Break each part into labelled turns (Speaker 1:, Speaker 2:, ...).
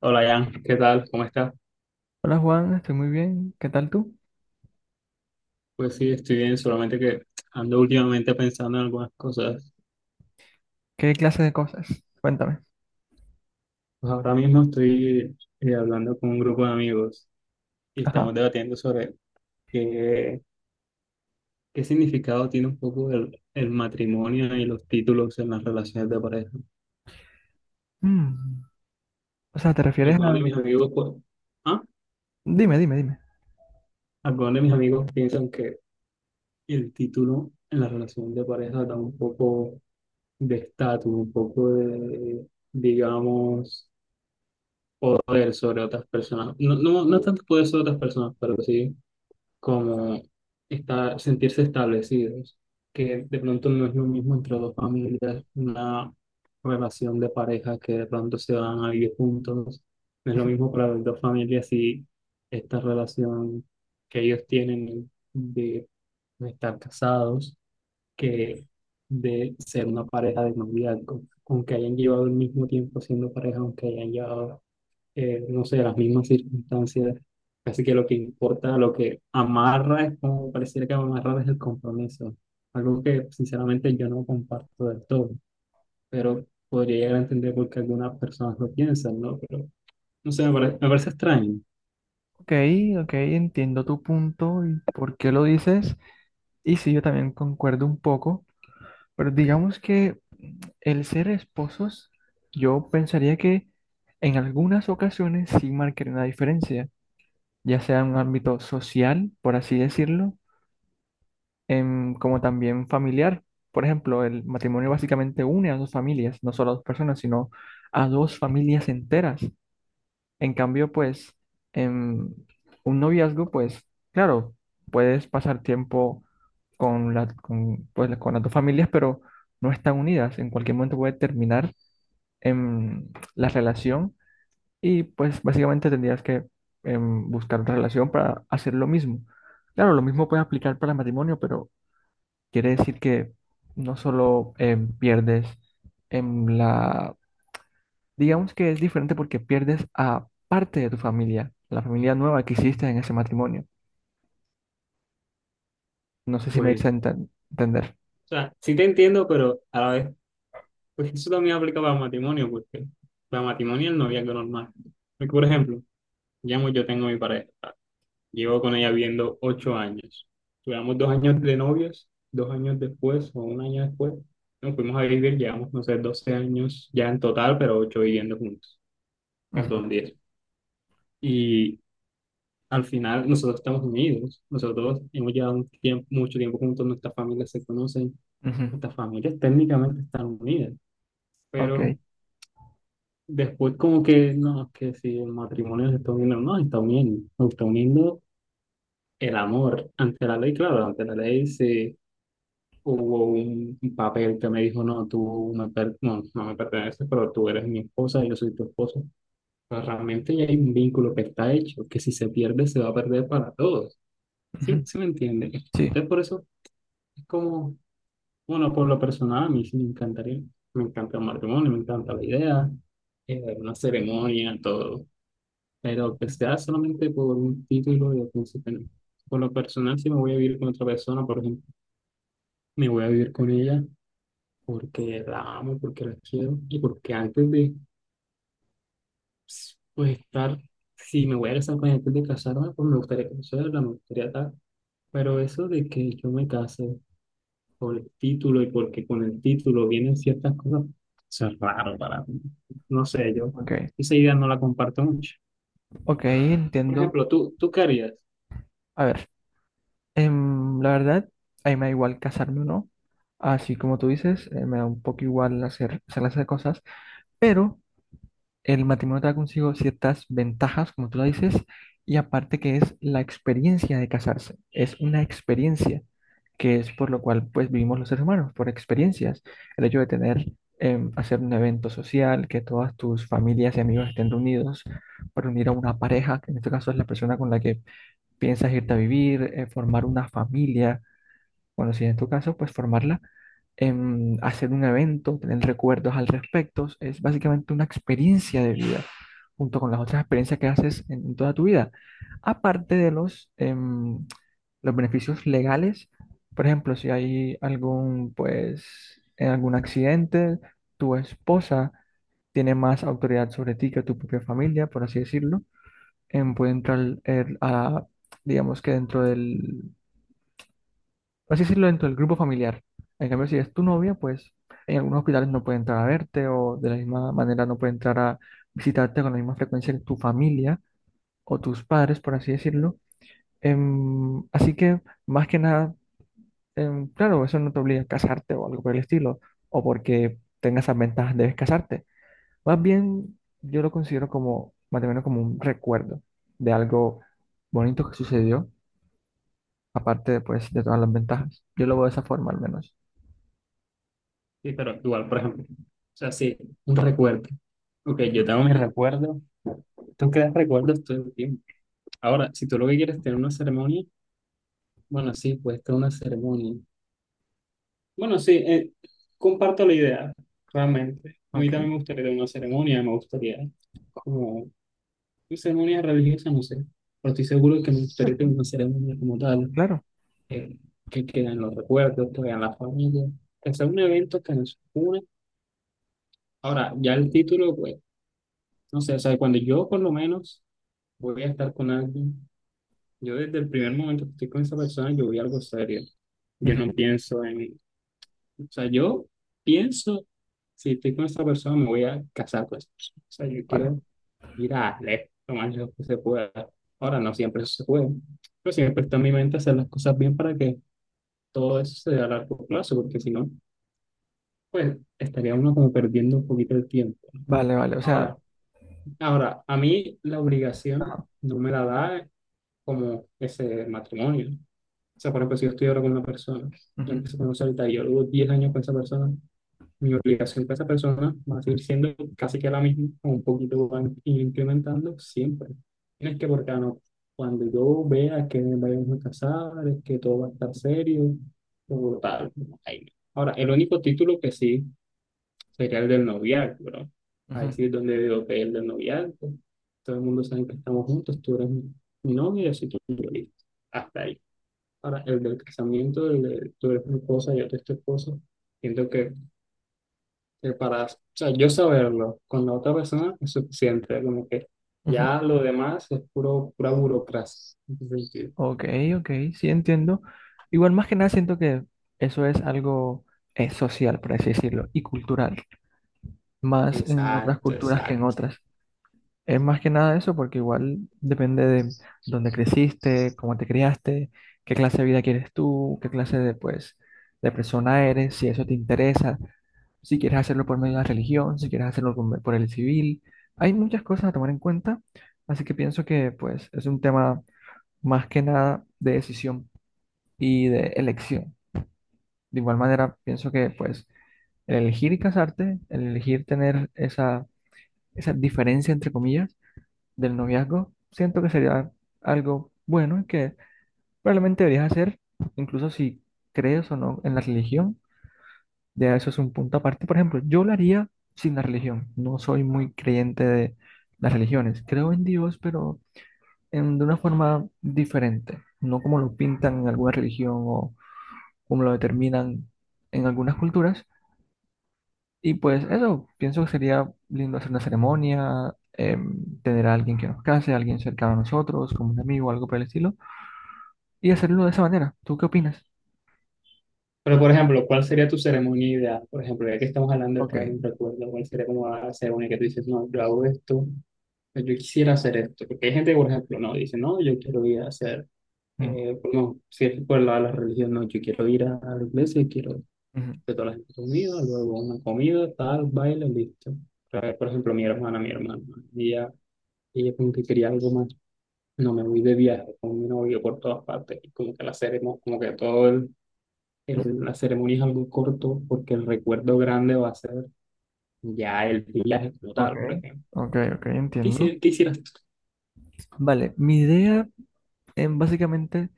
Speaker 1: Hola Jan, ¿qué tal? ¿Cómo estás?
Speaker 2: Hola Juan, estoy muy bien. ¿Qué tal tú?
Speaker 1: Pues sí, estoy bien, solamente que ando últimamente pensando en algunas cosas.
Speaker 2: ¿Qué clase de cosas? Cuéntame.
Speaker 1: Pues ahora mismo estoy hablando con un grupo de amigos y
Speaker 2: Ajá.
Speaker 1: estamos debatiendo sobre qué, qué significado tiene un poco el matrimonio y los títulos en las relaciones de pareja.
Speaker 2: Mm. O sea, ¿te refieres
Speaker 1: Algunos
Speaker 2: a?
Speaker 1: de mis amigos, pues, ¿ah?
Speaker 2: Dime, dime, dime.
Speaker 1: Algunos de mis amigos piensan que el título en la relación de pareja da un poco de estatus, un poco de, digamos, poder sobre otras personas. No, no, no tanto poder sobre otras personas, pero sí como estar, sentirse establecidos, que de pronto no es lo mismo entre dos familias, una relación de pareja que de pronto se van a vivir juntos. No es lo
Speaker 2: Ujú.
Speaker 1: mismo para las dos familias si esta relación que ellos tienen de estar casados que de ser una pareja de noviazgo, aunque hayan llevado el mismo tiempo siendo pareja, aunque hayan llevado no sé, las mismas circunstancias. Casi que lo que importa, lo que amarra es como pareciera que amarrar es el compromiso. Algo que sinceramente yo no comparto del todo, pero podría llegar a entender por qué algunas personas lo piensan, ¿no? Pero no sé, me parece extraño.
Speaker 2: Ok, ok, entiendo tu punto y por qué lo dices. Y sí, yo también concuerdo un poco. Pero digamos que el ser esposos, yo pensaría que en algunas ocasiones sí marcaría una diferencia, ya sea en un ámbito social, por así decirlo, como también familiar. Por ejemplo, el matrimonio básicamente une a dos familias, no solo a dos personas, sino a dos familias enteras. En cambio, pues, em, un noviazgo, pues, claro, puedes pasar tiempo pues, con las dos familias, pero no están unidas. En cualquier momento puede terminar em, la relación y, pues, básicamente tendrías que buscar otra relación para hacer lo mismo. Claro, lo mismo puede aplicar para el matrimonio, pero. Quiere decir que no solo pierdes en la, digamos que es diferente porque pierdes a parte de tu familia, la familia nueva que hiciste en ese matrimonio. No sé si me hice
Speaker 1: Pues,
Speaker 2: entender.
Speaker 1: o sea, sí te entiendo, pero a la vez, pues eso también aplica para el matrimonio, porque para el matrimonio y el noviazgo normal. Porque, por ejemplo, digamos, yo tengo mi pareja. Llevo con ella viendo 8 años. Duramos 2 años de novios, 2 años después o un año después. Nos fuimos a vivir, llevamos, no sé, 12 años ya en total, pero ocho viviendo juntos.
Speaker 2: Ujú,
Speaker 1: Perdón, 10. Y al final nosotros estamos unidos. Nosotros hemos llevado un tiempo, mucho tiempo juntos, nuestras familias se conocen,
Speaker 2: ujú.
Speaker 1: nuestras familias técnicamente están unidas, pero
Speaker 2: Ok.
Speaker 1: después como que, no, es que si el matrimonio se está uniendo, no, se está uniendo el amor ante la ley, claro, ante la ley se hubo un papel que me dijo, no, no me perteneces, pero tú eres mi esposa, yo soy tu esposo. Pero realmente ya hay un vínculo que está hecho, que si se pierde se va a perder para todos. ¿Sí,
Speaker 2: Ujú,
Speaker 1: sí me entiende?
Speaker 2: sí.
Speaker 1: Entonces por eso es como, bueno, por lo personal a mí sí me encantaría, me encanta el matrimonio, me encanta la idea, una ceremonia, todo. Pero que sea solamente por un título de príncipe, no. Por lo personal, si me voy a vivir con otra persona, por ejemplo, me voy a vivir con ella porque la amo, porque la quiero y porque antes de pues, estar, si me voy a casar con ella antes de casarme, pues me gustaría conocerla, me gustaría tal. Pero eso de que yo me case por el título y porque con el título vienen ciertas cosas, eso es raro para mí. No sé, yo
Speaker 2: Ok.
Speaker 1: esa idea no la comparto mucho.
Speaker 2: Ok,
Speaker 1: Por
Speaker 2: entiendo.
Speaker 1: ejemplo, tú qué harías.
Speaker 2: A ver, la verdad, a mí me da igual casarme o no. Así como tú dices, me da un poco igual hacer las cosas, pero el matrimonio trae consigo ciertas ventajas, como tú lo dices, y aparte que es la experiencia de casarse, es una experiencia que es por lo cual pues vivimos los seres humanos, por experiencias. El hecho de tener, hacer un evento social, que todas tus familias y amigos estén reunidos para unir a una pareja, que en este caso es la persona con la que piensas irte a vivir, formar una familia, bueno, si en tu caso, pues formarla, hacer un evento, tener recuerdos al respecto, es básicamente una experiencia de vida, junto con las otras experiencias que haces en toda tu vida. Aparte de los beneficios legales, por ejemplo, si hay algún, pues, en algún accidente, tu esposa tiene más autoridad sobre ti que tu propia familia, por así decirlo. Puede entrar a digamos que dentro del, por así decirlo, dentro del grupo familiar. En cambio, si es tu novia, pues en algunos hospitales no puede entrar a verte o de la misma manera no puede entrar a visitarte con la misma frecuencia que tu familia o tus padres, por así decirlo. Así que, más que nada, claro, eso no te obliga a casarte o algo por el estilo, o porque tengas esas ventajas debes casarte. Más bien, yo lo considero como, más o menos como un recuerdo de algo bonito que sucedió, aparte, pues, de todas las ventajas. Yo lo veo de esa forma, al menos.
Speaker 1: Sí, pero igual, por ejemplo, o sea, sí, un recuerdo. Ok,
Speaker 2: Ujú.
Speaker 1: yo tengo mis recuerdos. Tú creas recuerdos todo el tiempo. Ahora, si tú lo que quieres es tener una ceremonia, bueno, sí, pues que una ceremonia. Bueno, sí, comparto la idea, realmente. A mí también me
Speaker 2: Ok,
Speaker 1: gustaría tener una ceremonia, me gustaría como una ceremonia religiosa, no sé, pero estoy seguro que me gustaría
Speaker 2: pues,
Speaker 1: tener una ceremonia como tal,
Speaker 2: claro.
Speaker 1: eh, que queden los recuerdos, que vean la familia, que sea un evento que nos une. Ahora, ya el título, pues, no sé, o sea, cuando yo por lo menos voy a estar con alguien, yo desde el primer momento que estoy con esa persona, yo voy a algo serio. Yo
Speaker 2: Ujú.
Speaker 1: no pienso en, o sea, yo pienso, si estoy con esta persona, me voy a casar con esa persona. O sea, yo
Speaker 2: Vale,
Speaker 1: quiero ir a lejos, lo más lejos que se pueda. Ahora, no siempre eso se puede, pero siempre está en mi mente hacer las cosas bien para que todo eso se dé a largo plazo, porque si no, pues estaría uno como perdiendo un poquito el tiempo.
Speaker 2: vale, vale. O sea,
Speaker 1: Ahora, ahora, a mí la obligación no me la da como ese matrimonio. O sea, por ejemplo, si yo estoy ahora con una persona, la
Speaker 2: ujú,
Speaker 1: empiezo a conocer ahorita y yo llevo 10 años con esa persona, mi obligación con esa persona va a seguir siendo casi que la misma, o un poquito van incrementando siempre. Tienes que, porque no, cuando yo vea que vayamos a casar, es que todo va a estar serio, o tal. Ahí no. Ahora, el único título que sí sería el del noviazgo, ¿no?
Speaker 2: ujú,
Speaker 1: Ahí sí es donde veo que el del noviazgo. Todo el mundo sabe que estamos juntos, tú eres mi novia y yo soy tu novio, hasta ahí. Ahora, el del casamiento, el de tú eres mi esposa, yo te estoy esposa, siento que para, o sea, yo saberlo con la otra persona es suficiente, como que
Speaker 2: ujú.
Speaker 1: ya lo demás es puro, pura burocracia. Entonces, sí,
Speaker 2: Ok, ok, sí entiendo. Igual más que nada siento que eso es algo social, por así decirlo, y cultural, más en otras
Speaker 1: exacto,
Speaker 2: culturas que en
Speaker 1: exacto.
Speaker 2: otras. Es más que nada eso, porque igual depende de dónde creciste, cómo te criaste, qué clase de vida quieres tú, qué clase de, pues, de persona eres, si eso te interesa, si quieres hacerlo por medio de la religión, si quieres hacerlo por el civil. Hay muchas cosas a tomar en cuenta, así que pienso que pues es un tema más que nada de decisión y de elección. De igual manera, pienso que pues el elegir casarte, el elegir tener esa diferencia entre comillas, del noviazgo, siento que sería algo bueno y que probablemente deberías hacer, incluso si crees o no en la religión, ya eso es un punto aparte. Por ejemplo, yo lo haría sin la religión, no soy muy creyente de las religiones, creo en Dios, pero de una forma diferente, no como lo pintan en alguna religión o como lo determinan en algunas culturas. Y pues eso, pienso que sería lindo hacer una ceremonia, tener a alguien que nos case, alguien cercano a nosotros, como un amigo, algo por el estilo, y hacerlo de esa manera. ¿Tú qué opinas?
Speaker 1: Pero, por ejemplo, ¿cuál sería tu ceremonia ideal? Por ejemplo, ya que estamos hablando de crear
Speaker 2: Ok.
Speaker 1: un recuerdo, ¿cuál sería como la ceremonia que tú dices, no, yo hago esto, yo quisiera hacer esto? Porque hay gente que, por ejemplo, no, dice, no, yo quiero ir a hacer,
Speaker 2: Mm,
Speaker 1: no, si es por la religión, no, yo quiero ir a la iglesia, y quiero
Speaker 2: ujú,
Speaker 1: de todas las comidas, luego una comida, tal, baile, listo. Por ejemplo, mi hermana, ella, ella como que quería algo más. No, me voy de viaje con mi novio por todas partes. Y como que la ceremonia, como que todo
Speaker 2: ujú.
Speaker 1: la ceremonia es algo corto porque el recuerdo grande va a ser ya el viaje como
Speaker 2: Ok.
Speaker 1: tal, por ejemplo.
Speaker 2: Ok, ok,
Speaker 1: ¿Qué,
Speaker 2: entiendo.
Speaker 1: hici- qué hicieras tú?
Speaker 2: Vale, mi idea, básicamente,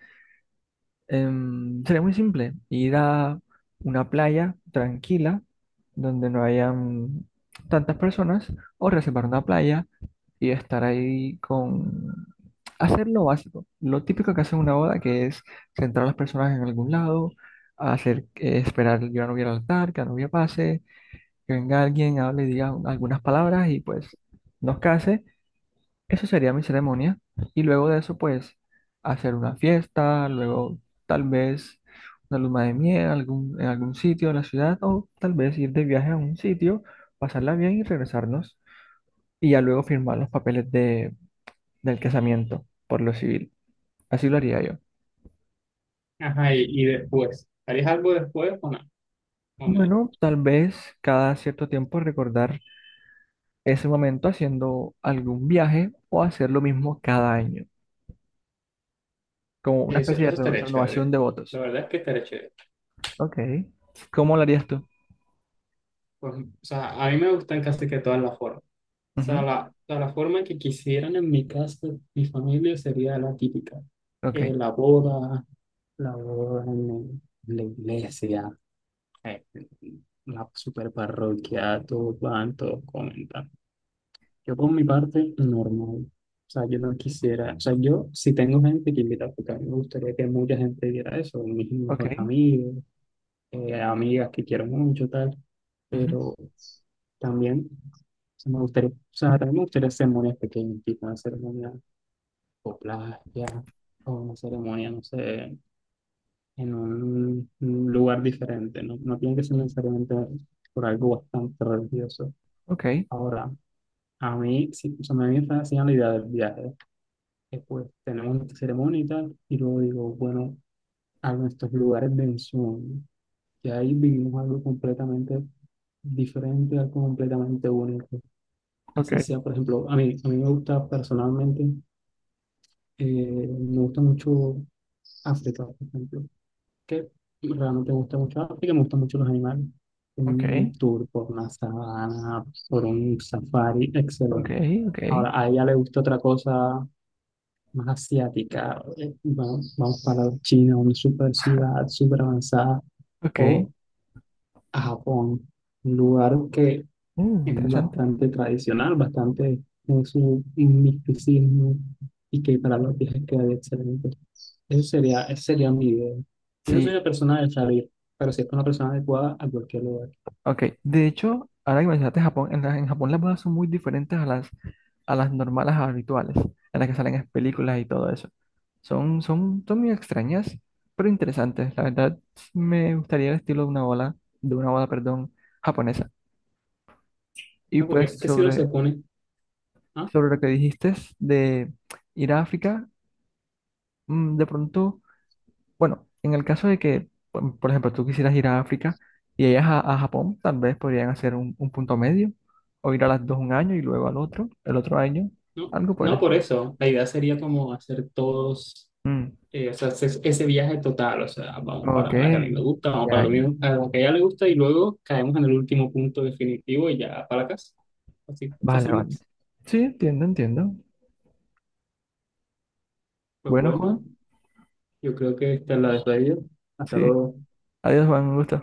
Speaker 2: sería muy simple, ir a una playa tranquila donde no hayan tantas personas o reservar una playa y estar ahí con hacer lo básico, lo típico que hace una boda, que es centrar a las personas en algún lado, hacer, esperar que la novia pase, que venga alguien, hable diga algunas palabras y pues nos case. Eso sería mi ceremonia. Y luego de eso, pues hacer una fiesta, luego tal vez una luna de miel en algún sitio de la ciudad o tal vez ir de viaje a un sitio, pasarla bien y regresarnos y ya luego firmar los papeles del casamiento por lo civil. Así lo haría yo.
Speaker 1: Ajá, y después, ¿harías algo después o no? Con él.
Speaker 2: Bueno, tal vez cada cierto tiempo recordar ese momento haciendo algún viaje o hacer lo mismo cada año, como una
Speaker 1: Eso,
Speaker 2: especie de
Speaker 1: eso estaría
Speaker 2: renovación
Speaker 1: chévere.
Speaker 2: de votos.
Speaker 1: La verdad es que estaría chévere.
Speaker 2: Ok. ¿Cómo lo harías tú?
Speaker 1: O sea, a mí me gustan casi que todas las formas. Sea,
Speaker 2: Ujú.
Speaker 1: la forma que quisieran en mi casa, mi familia sería la típica. Eh,
Speaker 2: Ok,
Speaker 1: la boda, la boda en la iglesia, eh, la super parroquia, todos van, todos comentan. Yo por mi parte, normal. O sea, yo no quisiera, o sea, yo si tengo gente que invita, porque a mí me gustaría que mucha gente viera eso, mis mejores
Speaker 2: ok,
Speaker 1: amigos, amigas que quiero mucho, tal,
Speaker 2: ujú,
Speaker 1: pero también o sea, me gustaría, o sea, también me gustaría ceremonias pequeñas, tipo una ceremonia o playa, o una ceremonia, no sé, en un lugar diferente, ¿no? No tiene que ser necesariamente por algo bastante religioso.
Speaker 2: ok,
Speaker 1: Ahora, a mí, sí, o sea, me viene fascinando la idea del viaje. Después tenemos una ceremonia y tal, y luego digo, bueno, a nuestros lugares de ensueño, que ahí vivimos algo completamente diferente, algo completamente único.
Speaker 2: ok,
Speaker 1: Así sea, por ejemplo, a mí me gusta personalmente, eh, me gusta mucho África, por ejemplo, que realmente me gusta mucho África, me gustan mucho los animales.
Speaker 2: ok,
Speaker 1: Un tour por una sabana, por un safari,
Speaker 2: ok,
Speaker 1: excelente.
Speaker 2: ok,
Speaker 1: Ahora, a ella le gusta otra cosa más asiática. Vamos para China, una super ciudad, súper avanzada,
Speaker 2: ok.
Speaker 1: o a Japón, un lugar que
Speaker 2: Mm,
Speaker 1: es
Speaker 2: interesante.
Speaker 1: bastante tradicional, bastante en su misticismo y que para los viajes quedaría excelente. Eso sería, ese sería mi idea. Yo no soy
Speaker 2: Sí,
Speaker 1: una persona de salir, pero sí es una persona adecuada a cualquier lugar.
Speaker 2: ok. De hecho, ahora que mencionaste Japón, en Japón las bodas son muy diferentes a las, normales habituales, en las que salen en películas y todo eso. Son muy extrañas, pero interesantes. La verdad, me gustaría el estilo de una boda, perdón, japonesa. Y
Speaker 1: No, porque
Speaker 2: pues
Speaker 1: es que si uno se
Speaker 2: sobre,
Speaker 1: pone, ah,
Speaker 2: sobre lo que dijiste de ir a África, de pronto, bueno, en el caso de que, por ejemplo, tú quisieras ir a África y ellas a Japón, tal vez podrían hacer un punto medio, o ir a las dos un año y luego al otro, el otro año,
Speaker 1: no,
Speaker 2: algo por el
Speaker 1: no por
Speaker 2: estilo.
Speaker 1: eso. La idea sería como hacer todos,
Speaker 2: Mm,
Speaker 1: o sea, ese viaje total, o sea, vamos
Speaker 2: ok,
Speaker 1: para la que a mí me gusta, vamos para
Speaker 2: ya, ya.
Speaker 1: a lo que a ella le gusta y luego caemos en el último punto definitivo y ya para la casa. Así,
Speaker 2: Vale, vale.
Speaker 1: fácilmente.
Speaker 2: Sí, entiendo, entiendo.
Speaker 1: Pues
Speaker 2: Bueno,
Speaker 1: bueno.
Speaker 2: Juan,
Speaker 1: Yo creo que esta la dejo ahí. Hasta
Speaker 2: sí.
Speaker 1: luego.
Speaker 2: Adiós, Juan, un gusto.